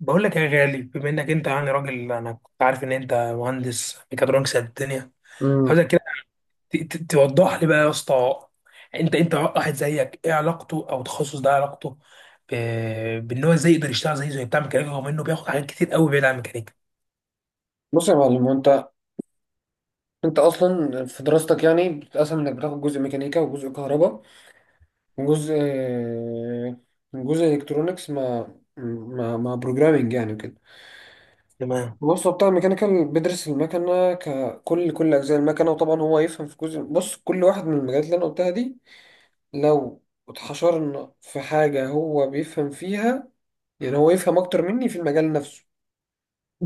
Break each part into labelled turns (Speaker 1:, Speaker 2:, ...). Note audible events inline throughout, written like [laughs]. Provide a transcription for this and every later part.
Speaker 1: بقول لك يا غالي، بما انك انت يعني راجل، انا كنت عارف ان انت مهندس ميكاترونكس قد الدنيا.
Speaker 2: مم.
Speaker 1: عاوزك كده توضح لي بقى يا اسطى. انت واحد زيك، ايه علاقته؟ او تخصص ده علاقته بان هو ازاي يقدر يشتغل زي بتاع ميكانيكا، رغم انه بياخد حاجات كتير قوي بعيد عن الميكانيكا.
Speaker 2: بص يا معلم، هو انت اصلا في دراستك يعني بتتقسم انك بتاخد جزء ميكانيكا وجزء كهرباء وجزء جزء الكترونكس مع مع بروجرامنج يعني وكده.
Speaker 1: تمام.
Speaker 2: بص، هو بتاع الميكانيكال بيدرس المكنه ككل، كل اجزاء المكنه، وطبعا هو يفهم في جزء. بص، كل واحد من المجالات اللي انا قلتها دي لو اتحشرنا في حاجه هو بيفهم فيها، يعني هو يفهم اكتر مني في المجال نفسه.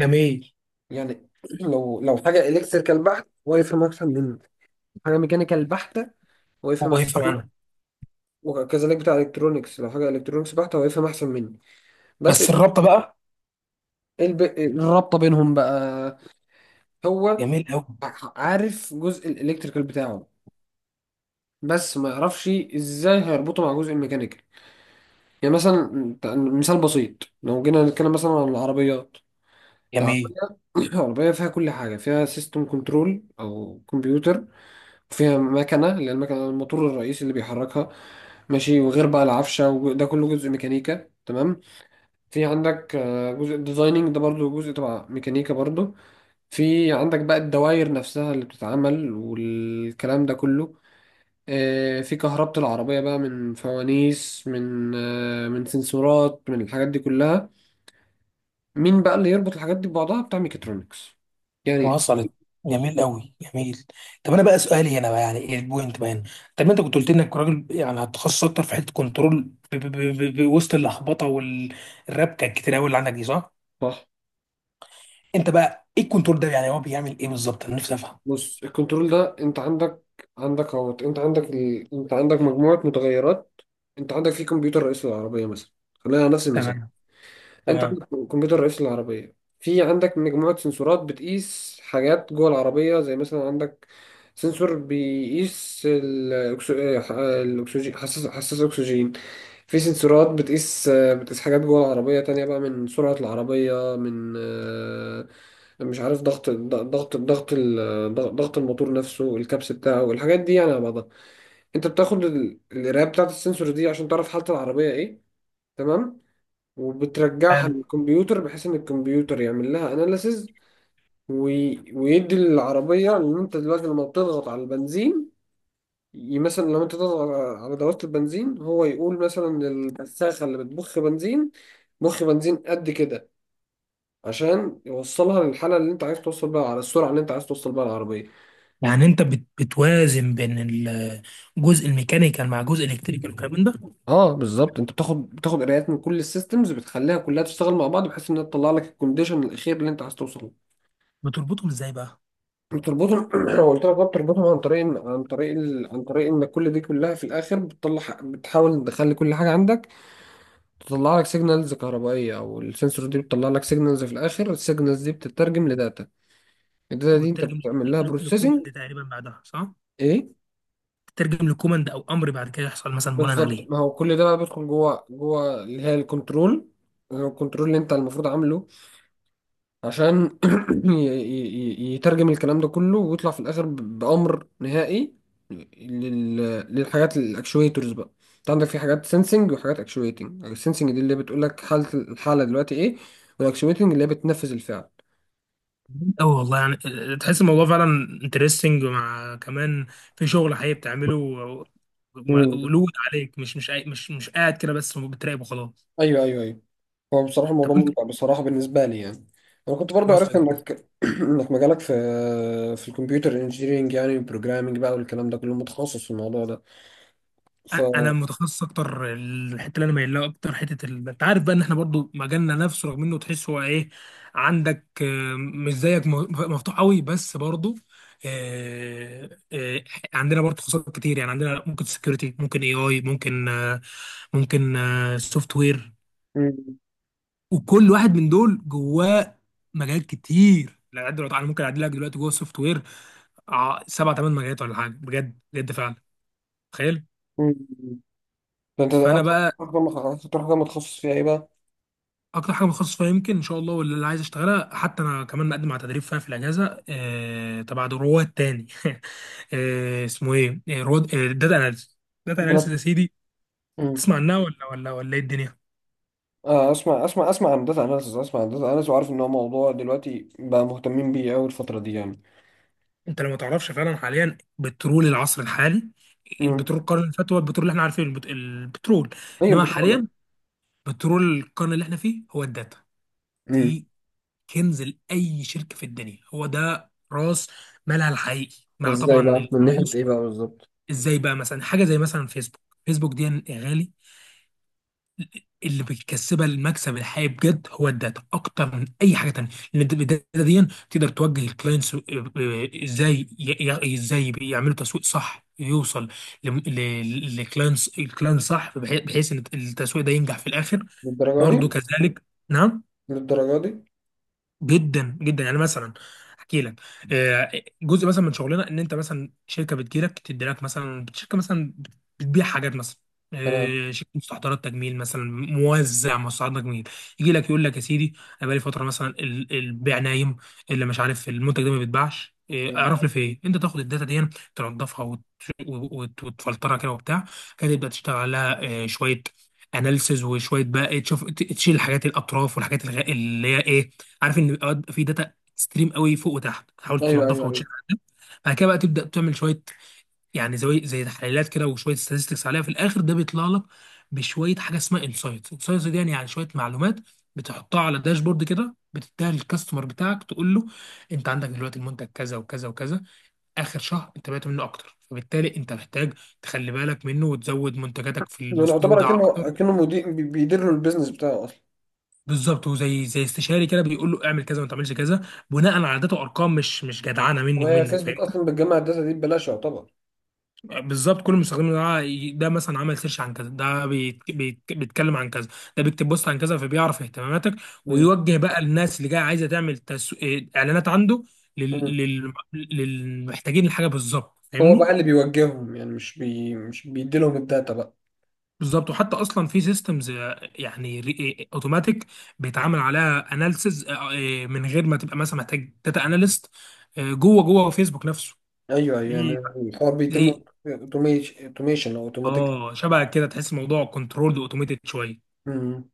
Speaker 1: جميل.
Speaker 2: يعني [clears throat] لو حاجه الكتريكال بحت هو يفهم اكتر مني، حاجة ميكانيكال بحتة هو يفهم
Speaker 1: هو
Speaker 2: أحسن
Speaker 1: يفهم
Speaker 2: مني،
Speaker 1: عنها.
Speaker 2: وكذلك بتاع الكترونكس لو حاجة الكترونكس بحتة هو يفهم أحسن مني. بس
Speaker 1: بس الرابطه بقى؟
Speaker 2: الرابطة بينهم بقى، هو
Speaker 1: جميل قوي،
Speaker 2: عارف جزء الالكتريكال بتاعه بس ما يعرفش ازاي هيربطه مع جزء الميكانيكال. يعني مثلا مثال بسيط، لو جينا نتكلم مثلا عن العربيات.
Speaker 1: جميل.
Speaker 2: العربية [coughs] [clears throat] العربية فيها كل حاجة، فيها سيستم كنترول أو كمبيوتر، فيها مكنة اللي هي المكنة، الموتور الرئيسي اللي بيحركها، ماشي، وغير بقى العفشة وده كله جزء ميكانيكا. تمام. في عندك جزء ديزايننج، ده برضو جزء تبع ميكانيكا برضو. في عندك بقى الدواير نفسها اللي بتتعمل والكلام ده كله. في كهربة العربية بقى، من فوانيس، من من سنسورات، من الحاجات دي كلها. مين بقى اللي يربط الحاجات دي ببعضها؟ بتاع ميكاترونكس، يعني.
Speaker 1: وصلت. جميل قوي، جميل. طب انا بقى، سؤالي هنا بقى، يعني ايه البوينت بقى هنا؟ طب ما انت كنت قلت انك راجل يعني هتخصص اكتر في حته كنترول ب- ب- وسط اللخبطه والربكه الكتير قوي اللي عندك دي، صح؟
Speaker 2: صح.
Speaker 1: انت بقى ايه الكنترول ده؟ يعني هو بيعمل ايه بالظبط؟ انا نفسي افهم.
Speaker 2: بص الكنترول ده، انت عندك عندك اهوت، انت عندك انت عندك مجموعة متغيرات. انت عندك في كمبيوتر رئيس العربية مثلا، خلينا على نفس المثال.
Speaker 1: تمام،
Speaker 2: انت
Speaker 1: تمام.
Speaker 2: عندك كمبيوتر رئيس العربية، في عندك مجموعة سنسورات بتقيس حاجات جوه العربية، زي مثلا عندك سنسور بيقيس الأكسجين، حساس، حساس أكسجين. في سنسورات بتقيس حاجات جوه العربية تانية بقى، من سرعة العربية، من مش عارف، ضغط الموتور نفسه، الكبس بتاعه، الحاجات دي يعني على بعضها. انت بتاخد القراية بتاعة السنسور دي عشان تعرف حالة العربية ايه. تمام. وبترجعها
Speaker 1: حلو.
Speaker 2: للكمبيوتر بحيث ان الكمبيوتر يعمل لها اناليسز، ويدي للعربية ان انت دلوقتي لما بتضغط على البنزين، مثلا لو انت تضغط على دواسة البنزين هو يقول مثلا للبساخة اللي بتبخ بنزين بخ بنزين قد كده، عشان يوصلها للحالة اللي انت عايز توصل بيها، على السرعة اللي انت عاز توصل بيها العربية.
Speaker 1: يعني انت بتوازن بين الجزء الميكانيكال مع جزء الكتريكال والكلام من ده.
Speaker 2: اه بالظبط، انت بتاخد قرايات من كل السيستمز، بتخليها كلها تشتغل مع بعض بحيث انها تطلع لك الكونديشن الاخير اللي انت عايز توصل له.
Speaker 1: بتربطهم ازاي بقى؟
Speaker 2: بتربطهم [clears throat] قلت لك بقى، بتربطهم عن طريق عن طريق عن طريق ان كل دي كلها في الاخر بتطلع، بتحاول تخلي كل حاجه عندك تطلع لك سيجنالز كهربائيه، او السنسور دي بتطلع لك سيجنالز. في الاخر السيجنالز دي بتترجم لداتا، الداتا دي انت
Speaker 1: وبتترجم
Speaker 2: بتعمل لها بروسيسنج.
Speaker 1: لكوماند تقريبا بعدها، صح؟
Speaker 2: ايه
Speaker 1: تترجم لكوماند او امر بعد كده يحصل مثلا بناء
Speaker 2: بالظبط،
Speaker 1: عليه.
Speaker 2: ما هو كل ده بقى بيدخل جوه اللي هي الكنترول، الكنترول اللي انت المفروض عامله عشان [clears throat] ي- ي- يترجم الكلام ده كله ويطلع في الاخر بامر نهائي لل... للحاجات الاكشويتورز بقى. انت عندك في حاجات سنسنج وحاجات اكشويتنج. السنسنج دي اللي بتقول لك حاله، الحاله دلوقتي ايه، والاكشويتنج اللي هي بتنفذ الفعل.
Speaker 1: أوي والله، يعني تحس الموضوع فعلا انترستنج، مع كمان في شغل حقيقي بتعمله
Speaker 2: مم.
Speaker 1: ولود عليك، مش قاعد كده بس بتراقب وخلاص.
Speaker 2: ايوه، ايوه، ايوه. هو بصراحه
Speaker 1: طب
Speaker 2: الموضوع
Speaker 1: انت؟
Speaker 2: ممتع بصراحه بالنسبه لي يعني. انا كنت برضو عرفت
Speaker 1: وصلت.
Speaker 2: انك [clears throat] انك مجالك في في الكمبيوتر انجينيرنج، يعني بروجرامنج بقى والكلام ده كله، متخصص في الموضوع ده. ف
Speaker 1: انا متخصص اكتر. الحته اللي انا مايل لها اكتر، حته انت عارف بقى ان احنا برضو مجالنا نفسه، رغم انه تحس هو ايه؟ عندك مش زيك، مفتوح قوي بس برضو. آه، آه، عندنا برضو تخصصات كتير، يعني عندنا ممكن سكيورتي، ممكن AI، ممكن ممكن سوفت وير.
Speaker 2: مم.
Speaker 1: وكل واحد من دول جواه مجالات كتير. لا، دلوقتي انا ممكن اعدي لك دلوقتي جوه السوفت وير سبع ثمان مجالات ولا حاجه، بجد بجد فعلا. تخيل.
Speaker 2: مم. ده انت
Speaker 1: فانا
Speaker 2: اكتر.
Speaker 1: بقى
Speaker 2: ما اكتر حاجه متخصص فيها ايه بقى؟
Speaker 1: اكتر حاجه متخصص فيها، يمكن ان شاء الله، واللي عايز اشتغلها، حتى انا كمان مقدم على تدريب فيها في الاجازه تبع رواد تاني [laughs] اسمه ايه؟ رواد داتا اناليسيس. داتا
Speaker 2: بلد.
Speaker 1: اناليسيس يا سيدي.
Speaker 2: امم
Speaker 1: تسمع عنها، ولا ولا ولا، ايه الدنيا؟
Speaker 2: آه، اسمع عن داتا اناليسز، اسمع عن داتا اناليسز، وعارف ان هو موضوع دلوقتي بقى مهتمين بيه قوي الفتره دي يعني.
Speaker 1: انت لو ما تعرفش، فعلا حاليا بترول العصر الحالي.
Speaker 2: امم
Speaker 1: بترول القرن اللي فات هو البترول اللي احنا عارفينه، البترول،
Speaker 2: هي
Speaker 1: انما
Speaker 2: البترول؟ لا.
Speaker 1: حاليا بترول القرن اللي احنا فيه هو الداتا
Speaker 2: امم
Speaker 1: دي. كنز لاي شركه في الدنيا، هو ده راس مالها الحقيقي، مع
Speaker 2: ازاي
Speaker 1: طبعا
Speaker 2: بقى؟ من ناحيه
Speaker 1: الفلوس.
Speaker 2: ايه بقى بالظبط؟
Speaker 1: ازاي بقى؟ مثلا حاجه زي مثلا فيسبوك. فيسبوك دي يا غالي، اللي بيكسبها المكسب الحقيقي بجد هو الداتا، اكتر من اي حاجه تانية. لان الداتا دي تقدر توجه الكلاينتس. ازاي ي- ازاي يعملوا تسويق صح يوصل للكلاينتس، الكلاينت صح، بحيث ان التسويق ده ينجح في الاخر.
Speaker 2: للدرجه دي؟
Speaker 1: برضه كذلك. نعم.
Speaker 2: للدرجه دي؟
Speaker 1: جدا جدا، يعني مثلا احكي لك. آه، جزء مثلا من شغلنا ان انت مثلا شركه بتجيلك، تدي لك مثلا شركه مثلا بتبيع حاجات مثلا،
Speaker 2: تمام.
Speaker 1: شركه مستحضرات تجميل مثلا، موزع مستحضرات تجميل. يجي لك يقول لك يا سيدي، انا بقالي فتره مثلا البيع نايم، اللي مش عارف المنتج ده ما بيتباعش،
Speaker 2: مم.
Speaker 1: اعرف لي في ايه. انت تاخد الداتا دي تنضفها وتفلترها كده وبتاع كده، تبدا تشتغل عليها شويه اناليسز، وشويه بقى إيه، تشوف تشيل الحاجات الاطراف والحاجات اللي هي ايه. عارف ان اوقات في داتا اكستريم قوي فوق وتحت، تحاول
Speaker 2: ايوه، ايوه،
Speaker 1: تنظفها
Speaker 2: ايوه.
Speaker 1: وتشيل عليها. بعد كده بقى تبدا تعمل شويه، يعني زي تحليلات كده، وشويه statistics عليها. في الاخر ده بيطلع لك بشويه حاجه اسمها انسايتس. انسايتس دي يعني شويه معلومات، بتحطها على داشبورد كده، بتديها للكاستمر بتاعك تقول له: انت عندك دلوقتي المنتج كذا وكذا وكذا، اخر شهر انت بعت منه اكتر، فبالتالي انت محتاج تخلي بالك منه وتزود منتجاتك في
Speaker 2: يعني يعتبر
Speaker 1: المستودع
Speaker 2: اكنه
Speaker 1: اكتر.
Speaker 2: اكنه مدير، بيدير له البيزنس بتاعه اصلا.
Speaker 1: بالظبط، وزي استشاري كده، بيقول له اعمل كذا وما تعملش كذا، بناء على عادات وارقام، مش جدعنه مني
Speaker 2: وهي
Speaker 1: ومنك، فاهم؟
Speaker 2: فيسبوك اصلا بتجمع الداتا دي ببلاش يعتبر.
Speaker 1: بالظبط. كل مستخدم ده، ده مثلا عمل سيرش عن كذا، ده بيتكلم عن كذا، ده بيكتب بوست عن كذا، فبيعرف اهتماماتك،
Speaker 2: مم.
Speaker 1: ويوجه بقى الناس اللي جايه عايزه تعمل اعلانات عنده
Speaker 2: مم.
Speaker 1: لل... لل... للمحتاجين الحاجه بالظبط،
Speaker 2: هو بقى
Speaker 1: فاهمني؟
Speaker 2: اللي بيوجههم يعني، مش بيديلهم الداتا بقى.
Speaker 1: بالظبط. وحتى اصلا في سيستمز يعني اوتوماتيك، بيتعامل عليها اناليسز من غير ما تبقى مثلا محتاج داتا اناليست جوه جوه فيسبوك نفسه.
Speaker 2: ايوه، ايوه،
Speaker 1: في
Speaker 2: أنا الحوار بيتم
Speaker 1: زي،
Speaker 2: اوتوميشن او اوتوماتيك.
Speaker 1: اه شبه كده، تحس الموضوع كنترولد اوتوميتد شويه.
Speaker 2: امم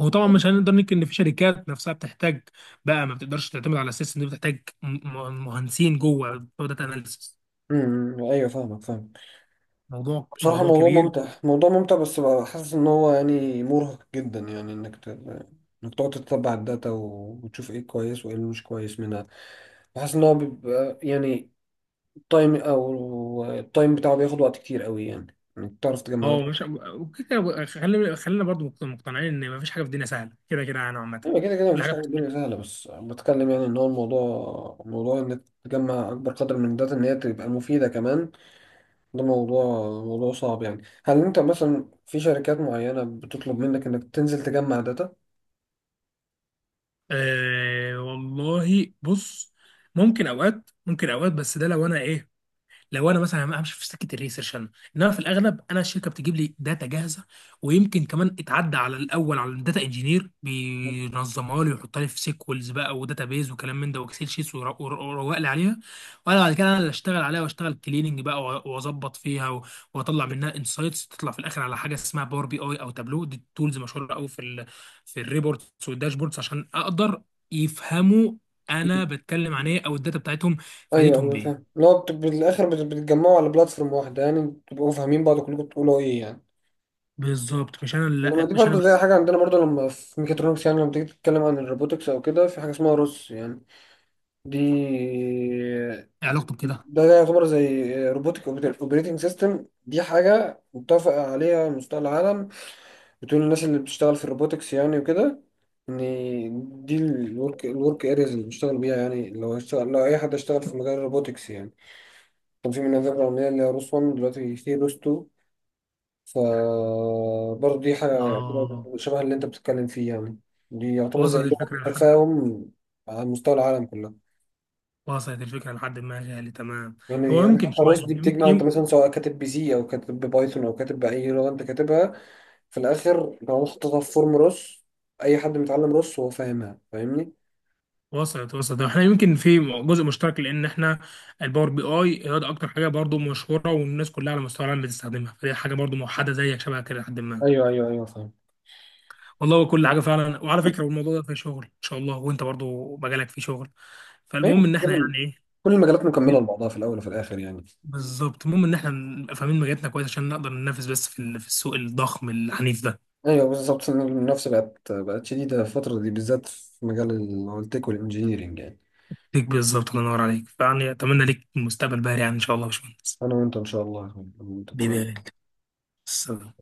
Speaker 1: هو طبعا مش هنقدر ننكر ان في شركات نفسها بتحتاج بقى، ما بتقدرش تعتمد على السيستم دي، بتحتاج مهندسين جوه بتوع داتا اناليسز.
Speaker 2: ايوه، فاهمك، فاهم.
Speaker 1: الموضوع
Speaker 2: بصراحه
Speaker 1: الموضوع
Speaker 2: الموضوع
Speaker 1: كبير.
Speaker 2: ممتع، موضوع ممتع، بس بقى حاسس ان هو يعني مرهق جدا، يعني انك انك تقعد تتبع الداتا وتشوف ايه كويس وايه اللي مش كويس منها. بحس ان هو بيبقى يعني التايم بتاعه بياخد وقت كتير قوي، يعني انك تعرف تجمع
Speaker 1: اه،
Speaker 2: داتا.
Speaker 1: مش. وكده خلينا خلينا برضو مقتنعين ان مفيش حاجه في الدنيا سهله كده كده، يعني عامه.
Speaker 2: ايوه كده كده،
Speaker 1: كل
Speaker 2: مفيش
Speaker 1: حاجه.
Speaker 2: حاجه الدنيا سهله، بس بتكلم يعني ان هو الموضوع، موضوع انك تجمع اكبر قدر من الداتا، ان هي تبقى مفيده كمان. ده موضوع، موضوع صعب يعني. هل انت مثلا في شركات معينة بتطلب منك انك تنزل تجمع داتا؟
Speaker 1: آه والله، بص، ممكن اوقات، ممكن اوقات، بس ده لو انا ايه، لو انا مثلا همشي في سكه الريسيرش انا، انما في الاغلب انا الشركه بتجيب لي داتا جاهزه، ويمكن كمان اتعدى على الاول على الداتا انجينير، بينظمها لي ويحطها لي في سيكولز بقى وداتا بيز وكلام من ده، واكسل شيتس، ويروق لي عليها. وانا بعد كده انا اللي اشتغل عليها، واشتغل كليننج بقى واظبط فيها واطلع منها انسايتس، تطلع في الاخر على حاجه اسمها Power BI او تابلو، دي تولز مشهوره قوي في في الريبورتس والداشبوردز، عشان اقدر يفهموا انا بتكلم عن ايه، او الداتا بتاعتهم
Speaker 2: ايوه،
Speaker 1: فادتهم
Speaker 2: ايوه، فاهم.
Speaker 1: بايه.
Speaker 2: اللي هو بالاخر بتتجمعوا على بلاتفورم واحدة يعني، تبقوا فاهمين بعض كلكم بتقولوا ايه يعني.
Speaker 1: بالظبط. مش انا
Speaker 2: لما
Speaker 1: اللي،
Speaker 2: دي
Speaker 1: مش انا
Speaker 2: برضه زي
Speaker 1: بس
Speaker 2: حاجة عندنا، برضه لما في ميكاترونكس يعني، لما تيجي تتكلم عن الروبوتكس او كده، في حاجة اسمها روس يعني. دي
Speaker 1: علاقته بكده.
Speaker 2: ده يعتبر زي روبوتك اوبريتنج سيستم. دي حاجة متفق عليها على مستوى العالم، بتقول الناس اللي بتشتغل في الروبوتكس يعني وكده، ان دي الورك، الورك ارياز اللي بيشتغل بيها يعني، لو هشتغل، لو اي حد اشتغل في مجال الروبوتكس يعني. كان في منها ذكرى عمليه اللي هي روس 1، دلوقتي في روس 2. ف برضه دي حاجه بتبقى
Speaker 1: اه،
Speaker 2: شبه اللي انت بتتكلم فيه يعني. دي يعتبر زي
Speaker 1: وصلت
Speaker 2: لغه
Speaker 1: الفكره لحد،
Speaker 2: التفاهم على مستوى العالم كله.
Speaker 1: وصلت الفكره لحد ما، غالي، تمام.
Speaker 2: يعني
Speaker 1: هو
Speaker 2: يعني
Speaker 1: يمكن
Speaker 2: حتى
Speaker 1: شويه،
Speaker 2: الروس دي
Speaker 1: يمكن
Speaker 2: بتجمع، انت مثلا سواء كاتب بي سي او كاتب ببايثون او كاتب باي لغه انت كاتبها، في الاخر لو حطيتها في فورم روس اي حد متعلم روس هو فاهمها. فاهمني؟
Speaker 1: وصلت، وصلت. احنا يمكن في جزء مشترك، لان احنا الPower BI، هي ده اكتر حاجه برضو مشهوره والناس كلها على مستوى العالم بتستخدمها، فدي حاجه برضو موحده زيك شبه كده، لحد ما.
Speaker 2: ايوه، ايوه، ايوه، فاهم.
Speaker 1: والله كل حاجه فعلا. وعلى فكره، والموضوع ده في شغل ان شاء الله، وانت برضو مجالك في شغل،
Speaker 2: ايوه
Speaker 1: فالمهم ان احنا
Speaker 2: كده.
Speaker 1: يعني ايه؟
Speaker 2: كل المجالات مكمله لبعضها في الاول وفي الاخر يعني.
Speaker 1: بالظبط. المهم ان احنا نبقى فاهمين مجالاتنا كويس عشان نقدر ننافس بس في في السوق الضخم العنيف ده.
Speaker 2: ايوه بالظبط، المنافسه بقت شديده الفتره دي، بالذات في مجال التك والانجينيرنج يعني.
Speaker 1: ليك بالظبط، الله ينور عليك، فيعني اتمنى ليك مستقبل باهر يعني ان شاء الله، يا باشمهندس.
Speaker 2: انا وانت ان شاء الله يا اخوي. انا وانت ان شاء
Speaker 1: حبيبي يا
Speaker 2: الله.
Speaker 1: غالي. السلام.